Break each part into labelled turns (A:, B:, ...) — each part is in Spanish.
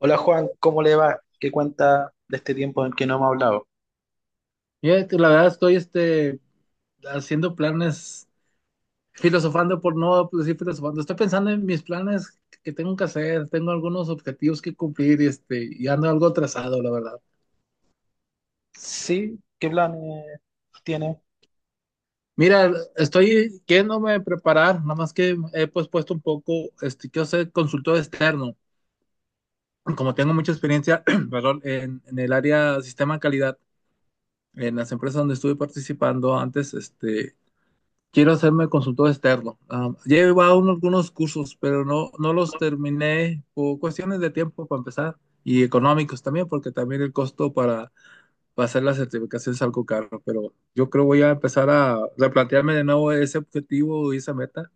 A: Hola Juan, ¿cómo le va? ¿Qué cuenta de este tiempo en que no hemos hablado?
B: Fíjate, la verdad estoy haciendo planes, filosofando, por no, pues, decir filosofando. Estoy pensando en mis planes que tengo que hacer, tengo algunos objetivos que cumplir y ando algo atrasado, la verdad.
A: Sí, ¿qué planes tiene?
B: Mira, estoy queriéndome preparar, nada más que he, pues, puesto un poco, quiero ser consultor externo. Como tengo mucha experiencia, perdón, en el área sistema de calidad, en las empresas donde estuve participando antes, quiero hacerme consultor externo. Ah, ya he llevado algunos cursos, pero no los terminé por cuestiones de tiempo para empezar y económicos también, porque también el costo para hacer la certificación es algo caro. Pero yo creo voy a empezar a replantearme de nuevo ese objetivo y esa meta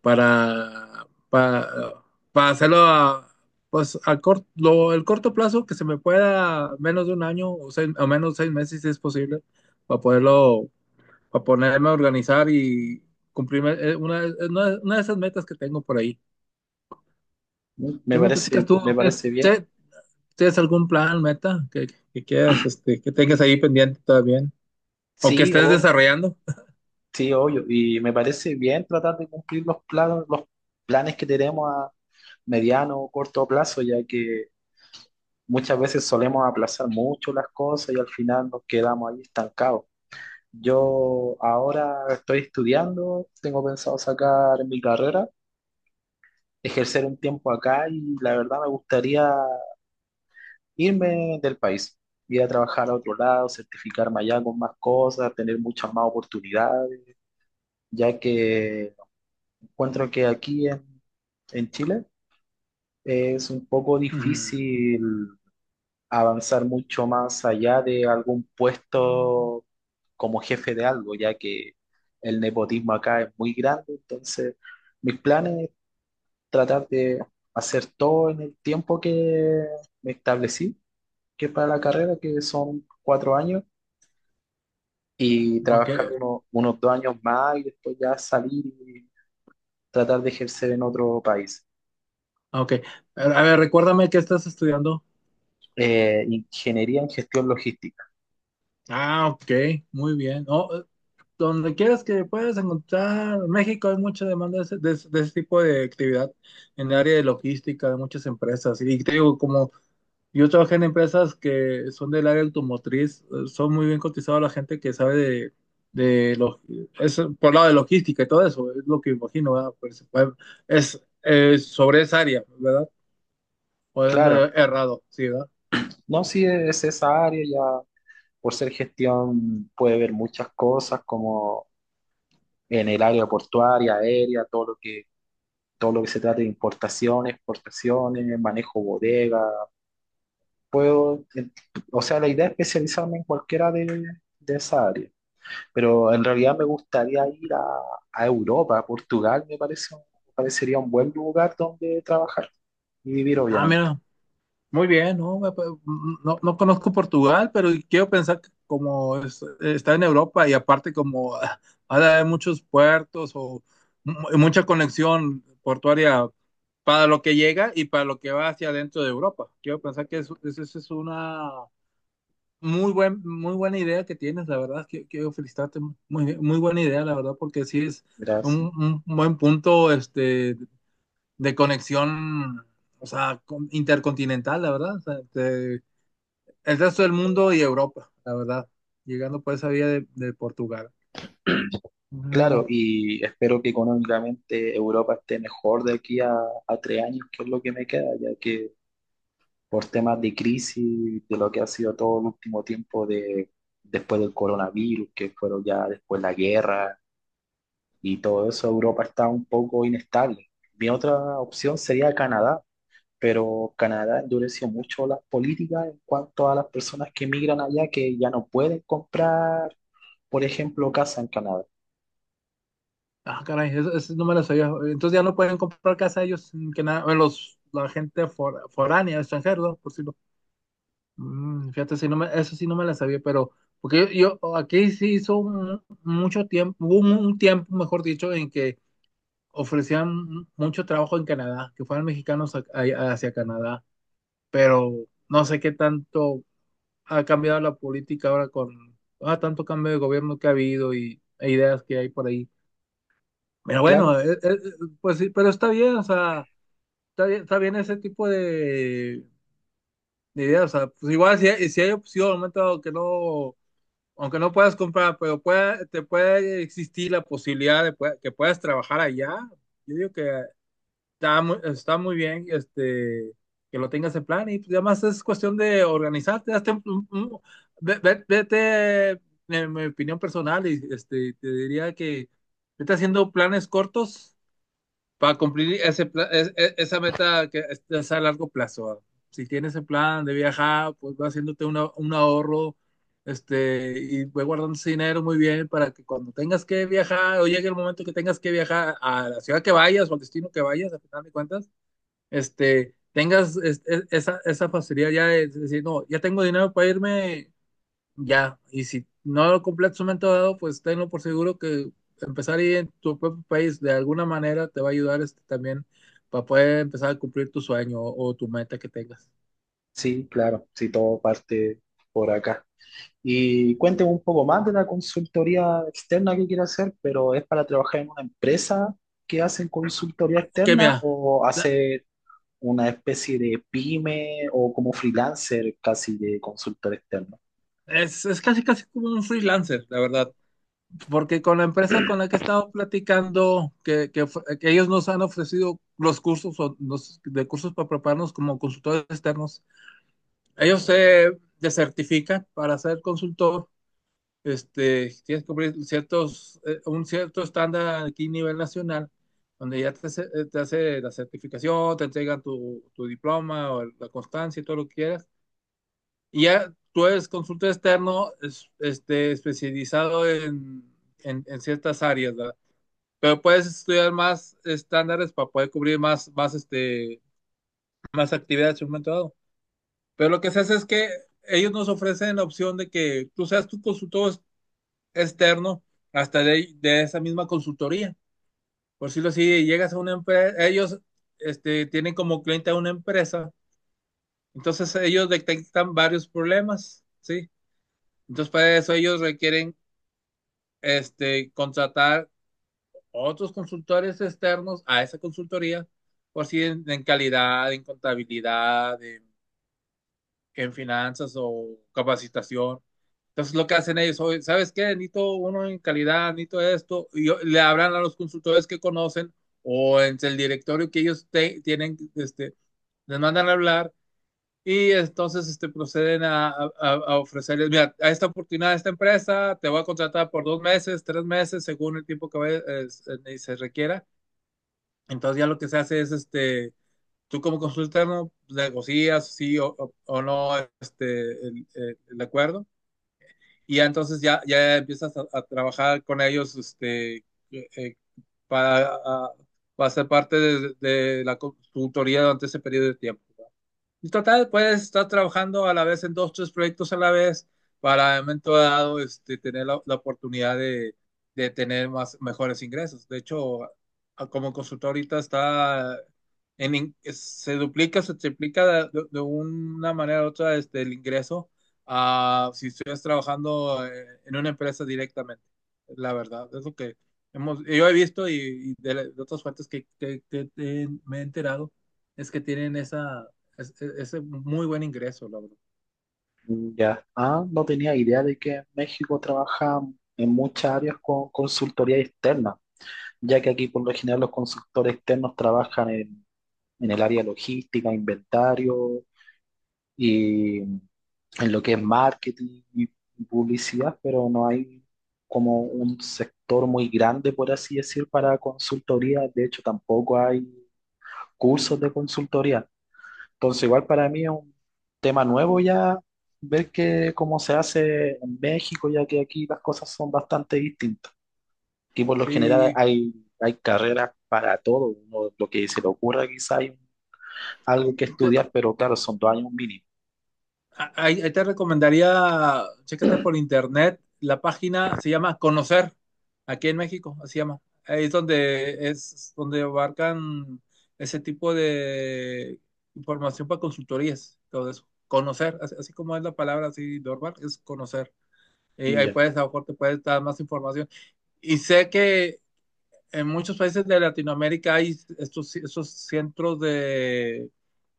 B: para, para, para hacerlo a, pues, el corto plazo que se me pueda, menos de un año o o menos 6 meses si es posible, para poderlo para ponerme a organizar y cumplirme una de esas metas que tengo por ahí.
A: Mm, me
B: ¿Qué me platicas
A: parece,
B: tú?
A: me
B: ¿Tienes,
A: parece bien.
B: che- tienes algún plan, meta que quieras, que tengas ahí pendiente todavía? ¿O
A: Sí,
B: que estés
A: o
B: desarrollando?
A: sí, obvio. Y me parece bien tratar de cumplir los planos, los planes que tenemos a mediano o corto plazo, ya que muchas veces solemos aplazar mucho las cosas y al final nos quedamos ahí estancados. Yo ahora estoy estudiando, tengo pensado sacar mi carrera, ejercer un tiempo acá y la verdad me gustaría irme del país, ir a trabajar a otro lado, certificarme allá con más cosas, tener muchas más oportunidades, ya que encuentro que aquí en Chile es un poco
B: Ujú.
A: difícil avanzar mucho más allá de algún puesto como jefe de algo, ya que el nepotismo acá es muy grande, entonces mis planes es tratar de hacer todo en el tiempo que me establecí, que es para la carrera, que son 4 años, y
B: Ok,
A: trabajar unos 2 años más y después ya salir y tratar de ejercer en otro país.
B: ok. A ver, recuérdame qué estás estudiando.
A: Ingeniería en gestión logística.
B: Ah, ok, muy bien. No. Donde quieras que puedas encontrar, en México hay mucha demanda de ese, de ese tipo de actividad en el área de logística de muchas empresas. Y te digo, como yo trabajé en empresas que son del área automotriz, son muy bien cotizados la gente que sabe de lo- es por lado de logística y todo eso, es lo que imagino, ¿verdad? Pues, bueno, es sobre esa área, ¿verdad? O ando
A: Claro,
B: errado, sí, ¿verdad?
A: no, si es esa área, ya por ser gestión puede ver muchas cosas como en el área portuaria, aérea, todo lo que se trate de importaciones, exportaciones, manejo bodega. Puedo, o sea, la idea es especializarme en de esa área. Pero en realidad me gustaría a Europa, a Portugal, me parece, me parecería un buen lugar donde trabajar y vivir,
B: Ah,
A: obviamente.
B: mira, muy bien. No, no conozco Portugal, pero quiero pensar que como está en Europa, y aparte como, ha de haber muchos puertos o mucha conexión portuaria para lo que llega y para lo que va hacia adentro de Europa. Quiero pensar que eso es una muy buena idea que tienes, la verdad. Quiero felicitarte, muy, muy buena idea, la verdad, porque sí es
A: Gracias.
B: un buen punto, de conexión, o sea, intercontinental, la verdad. O sea, el resto del mundo y Europa, la verdad. Llegando por esa vía de Portugal.
A: Claro,
B: Ándale.
A: y espero que económicamente Europa esté mejor a 3 años, que es lo que me queda, ya que por temas de crisis, de lo que ha sido todo el último tiempo de, después del coronavirus, que fueron ya después la guerra y todo eso, Europa está un poco inestable. Mi otra opción sería Canadá, pero Canadá endureció mucho las políticas en cuanto a las personas que emigran allá que ya no pueden comprar, por ejemplo, casa en Canadá.
B: Ah, caray, eso no me lo sabía. Entonces ya no pueden comprar casa ellos, que nada, bueno, la gente foránea, extranjero, ¿no?, por si lo. Fíjate, eso sí no me la sabía, pero porque yo aquí sí hizo mucho tiempo, hubo un tiempo, mejor dicho, en que ofrecían mucho trabajo en Canadá, que fueran mexicanos hacia Canadá. Pero no sé qué tanto ha cambiado la política ahora con, tanto cambio de gobierno que ha habido e ideas que hay por ahí. Pero
A: Claro,
B: bueno, pues sí, pero está bien, o sea, está bien ese tipo de ideas. O sea, pues igual si hay opción, momento, aunque no puedas comprar, pero te puede existir la posibilidad de que puedas trabajar allá. Yo digo que está muy bien, que lo tengas en plan. Y pues, además es cuestión de organizarte. Hazte vete, en mi opinión personal, y te diría que vete haciendo planes cortos para cumplir ese, pla- es- esa meta que es a largo plazo. Si tienes el plan de viajar, pues va haciéndote un ahorro, y ve guardando ese dinero muy bien para que cuando tengas que viajar, o llegue el momento que tengas que viajar a la ciudad que vayas o al destino que vayas, a final de cuentas, tengas esa facilidad ya de decir, no, ya tengo dinero para irme, ya. Y si no lo completas en un momento dado, pues tenlo por seguro que empezar ahí en tu propio país de alguna manera te va a ayudar, también, para poder empezar a cumplir tu sueño o tu meta que tengas.
A: sí, claro, sí, todo parte por acá. Y cuénteme un poco más de la consultoría externa que quiere hacer, pero ¿es para trabajar en una empresa que hacen consultoría
B: Ok,
A: externa
B: mira,
A: o
B: la-
A: hacer una especie de pyme o como freelancer casi de consultor externo?
B: es, casi casi como un freelancer, la verdad, porque con la empresa con la que he estado platicando, que ellos nos han ofrecido los cursos o de cursos para prepararnos como consultores externos. Ellos se desertifican para ser consultor. Tienes que cumplir ciertos, un cierto estándar, aquí a nivel nacional, donde ya te hace la certificación, te entregan tu diploma o la constancia y todo lo que quieras. Y ya tú eres consultor externo, especializado en, en ciertas áreas, ¿verdad? Pero puedes estudiar más estándares para poder cubrir más actividades en un momento dado. Pero lo que se hace es que ellos nos ofrecen la opción de que tú seas tu consultor externo hasta de esa misma consultoría. Por decirlo así, llegas a una empresa, ellos, tienen como cliente a una empresa, entonces ellos detectan varios problemas, ¿sí? Entonces para eso ellos requieren, contratar otros consultores externos a esa consultoría, por si en, calidad, en contabilidad, en finanzas o capacitación. Entonces lo que hacen ellos hoy, ¿sabes qué? Necesito uno en calidad, necesito esto, le hablan a los consultores que conocen, o en el directorio que ellos tienen, les mandan a hablar. Y entonces, proceden a ofrecerles, mira, a esta oportunidad, a esta empresa, te voy a contratar por 2 meses, 3 meses, según el tiempo que se requiera. Entonces ya lo que se hace es, tú como consultano negocias sí o no, el acuerdo. Y ya, entonces ya empiezas a trabajar con ellos, eh, para, a, para ser parte de la consultoría durante ese periodo de tiempo. Y total, puedes estar trabajando a la vez en dos, tres proyectos a la vez, para en un momento dado, tener la oportunidad de tener mejores ingresos. De hecho, como consultor ahorita se duplica, se triplica de una manera u otra, el ingreso, a si estuvieras trabajando, en una empresa directamente. La verdad, es lo que yo he visto, y de otras fuentes que, me he enterado, es que tienen esa, es muy buen ingreso, la verdad.
A: Ya. Ah, no tenía idea de que en México trabaja en muchas áreas con consultoría externa, ya que aquí por lo general los consultores externos en el área logística, inventario y en lo que es marketing y publicidad, pero no hay como un sector muy grande, por así decir, para consultoría. De hecho, tampoco hay cursos de consultoría. Entonces, igual para mí es un tema nuevo ya ver que cómo se hace en México, ya que aquí las cosas son bastante distintas. Aquí por lo general
B: Sí,
A: hay carreras para todo, uno, lo que se le ocurra quizá hay algo que
B: te,
A: estudiar, pero claro, son 2 años mínimo.
B: ahí te recomendaría, chécate por internet, la página se llama Conocer, aquí en México, así se llama. Ahí es donde, abarcan ese tipo de información para consultorías, todo eso. Conocer, así, así como es la palabra, así normal, es conocer. Y ahí
A: Ya.
B: a lo mejor te puedes dar más información. Y sé que en muchos países de Latinoamérica hay estos centros de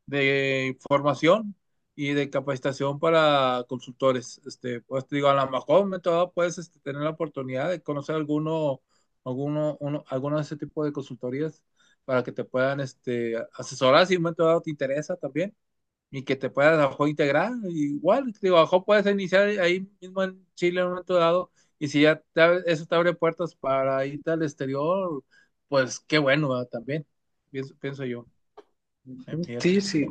B: de formación y de capacitación para consultores. Pues te digo, a lo mejor me puedes, tener la oportunidad de conocer alguno de ese tipo de consultorías para que te puedan, asesorar si en un momento dado te interesa también, y que te puedas a lo mejor integrar. Igual, te digo, a lo mejor puedes iniciar ahí mismo en Chile en un momento dado, y si ya eso te abre puertas para irte al exterior, pues qué bueno, ¿verdad? También, pienso yo,
A: Ujú. Sí,
B: fíjate.
A: sí.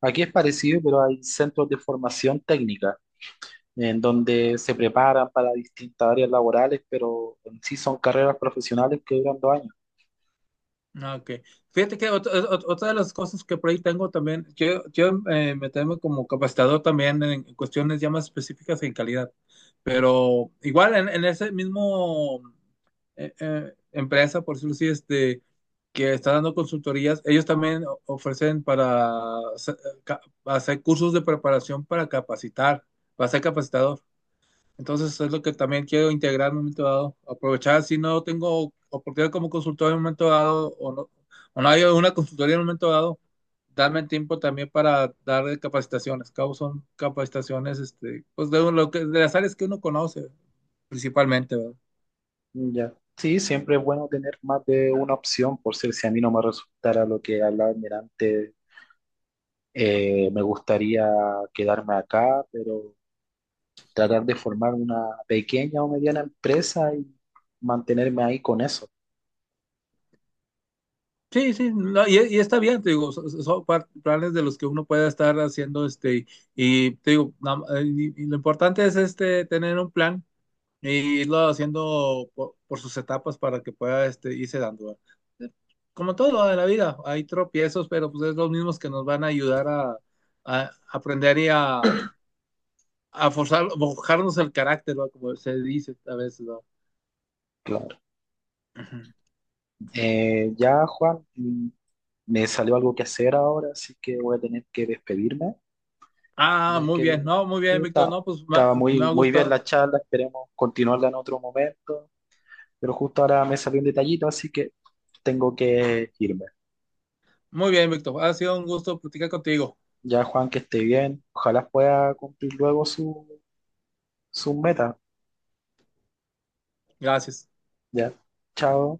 A: Aquí es parecido, pero hay centros de formación técnica en donde se preparan para distintas áreas laborales, pero en sí son carreras profesionales que duran 2 años.
B: Ah, ok. Fíjate que otra de las cosas que por ahí tengo también, yo me tengo como capacitador también en cuestiones ya más específicas en calidad. Pero igual en ese mismo, empresa, por decirlo así, que está dando consultorías, ellos también ofrecen para hacer, cursos de preparación para capacitar, para ser capacitador. Entonces es lo que también quiero integrar en un momento dado. Aprovechar, si no tengo oportunidad como consultor en un momento dado, o no hay una consultoría en un momento dado, darme el tiempo también para dar capacitaciones. Cabo son capacitaciones, pues de las áreas que uno conoce, principalmente, ¿verdad?
A: Ya. Sí, siempre es bueno tener más de una opción, por ser si a mí no me resultara lo que hablaba antes, me gustaría quedarme acá, pero tratar de formar una pequeña o mediana empresa y mantenerme ahí con eso.
B: Sí, sí, no, y está bien, te digo, son, planes de los que uno puede estar haciendo, te digo, y lo importante es, tener un plan. Y irlo haciendo por sus etapas para que pueda, irse dando, ¿verdad? Como todo en la vida, hay tropiezos, pero pues es los mismos que nos van a ayudar a, aprender, y a forjarnos el carácter, ¿verdad? Como se dice a veces, ¿verdad?
A: Claro.
B: Ujú.
A: Ya, Juan, mm, me salió algo que hacer ahora, así que voy a tener que despedirme,
B: Ah,
A: ya
B: muy
A: que
B: bien, no, muy
A: sí,
B: bien, Víctor, no, pues
A: estaba
B: me ha
A: muy bien
B: gustado.
A: la charla, esperemos continuarla en otro momento. Pero justo ahora me salió un detallito, así que tengo que irme.
B: Muy bien, Víctor, ha sido un gusto platicar contigo.
A: Ya, Juan, que esté bien. Ojalá pueda cumplir luego su, su meta.
B: Gracias.
A: Ya. Chao.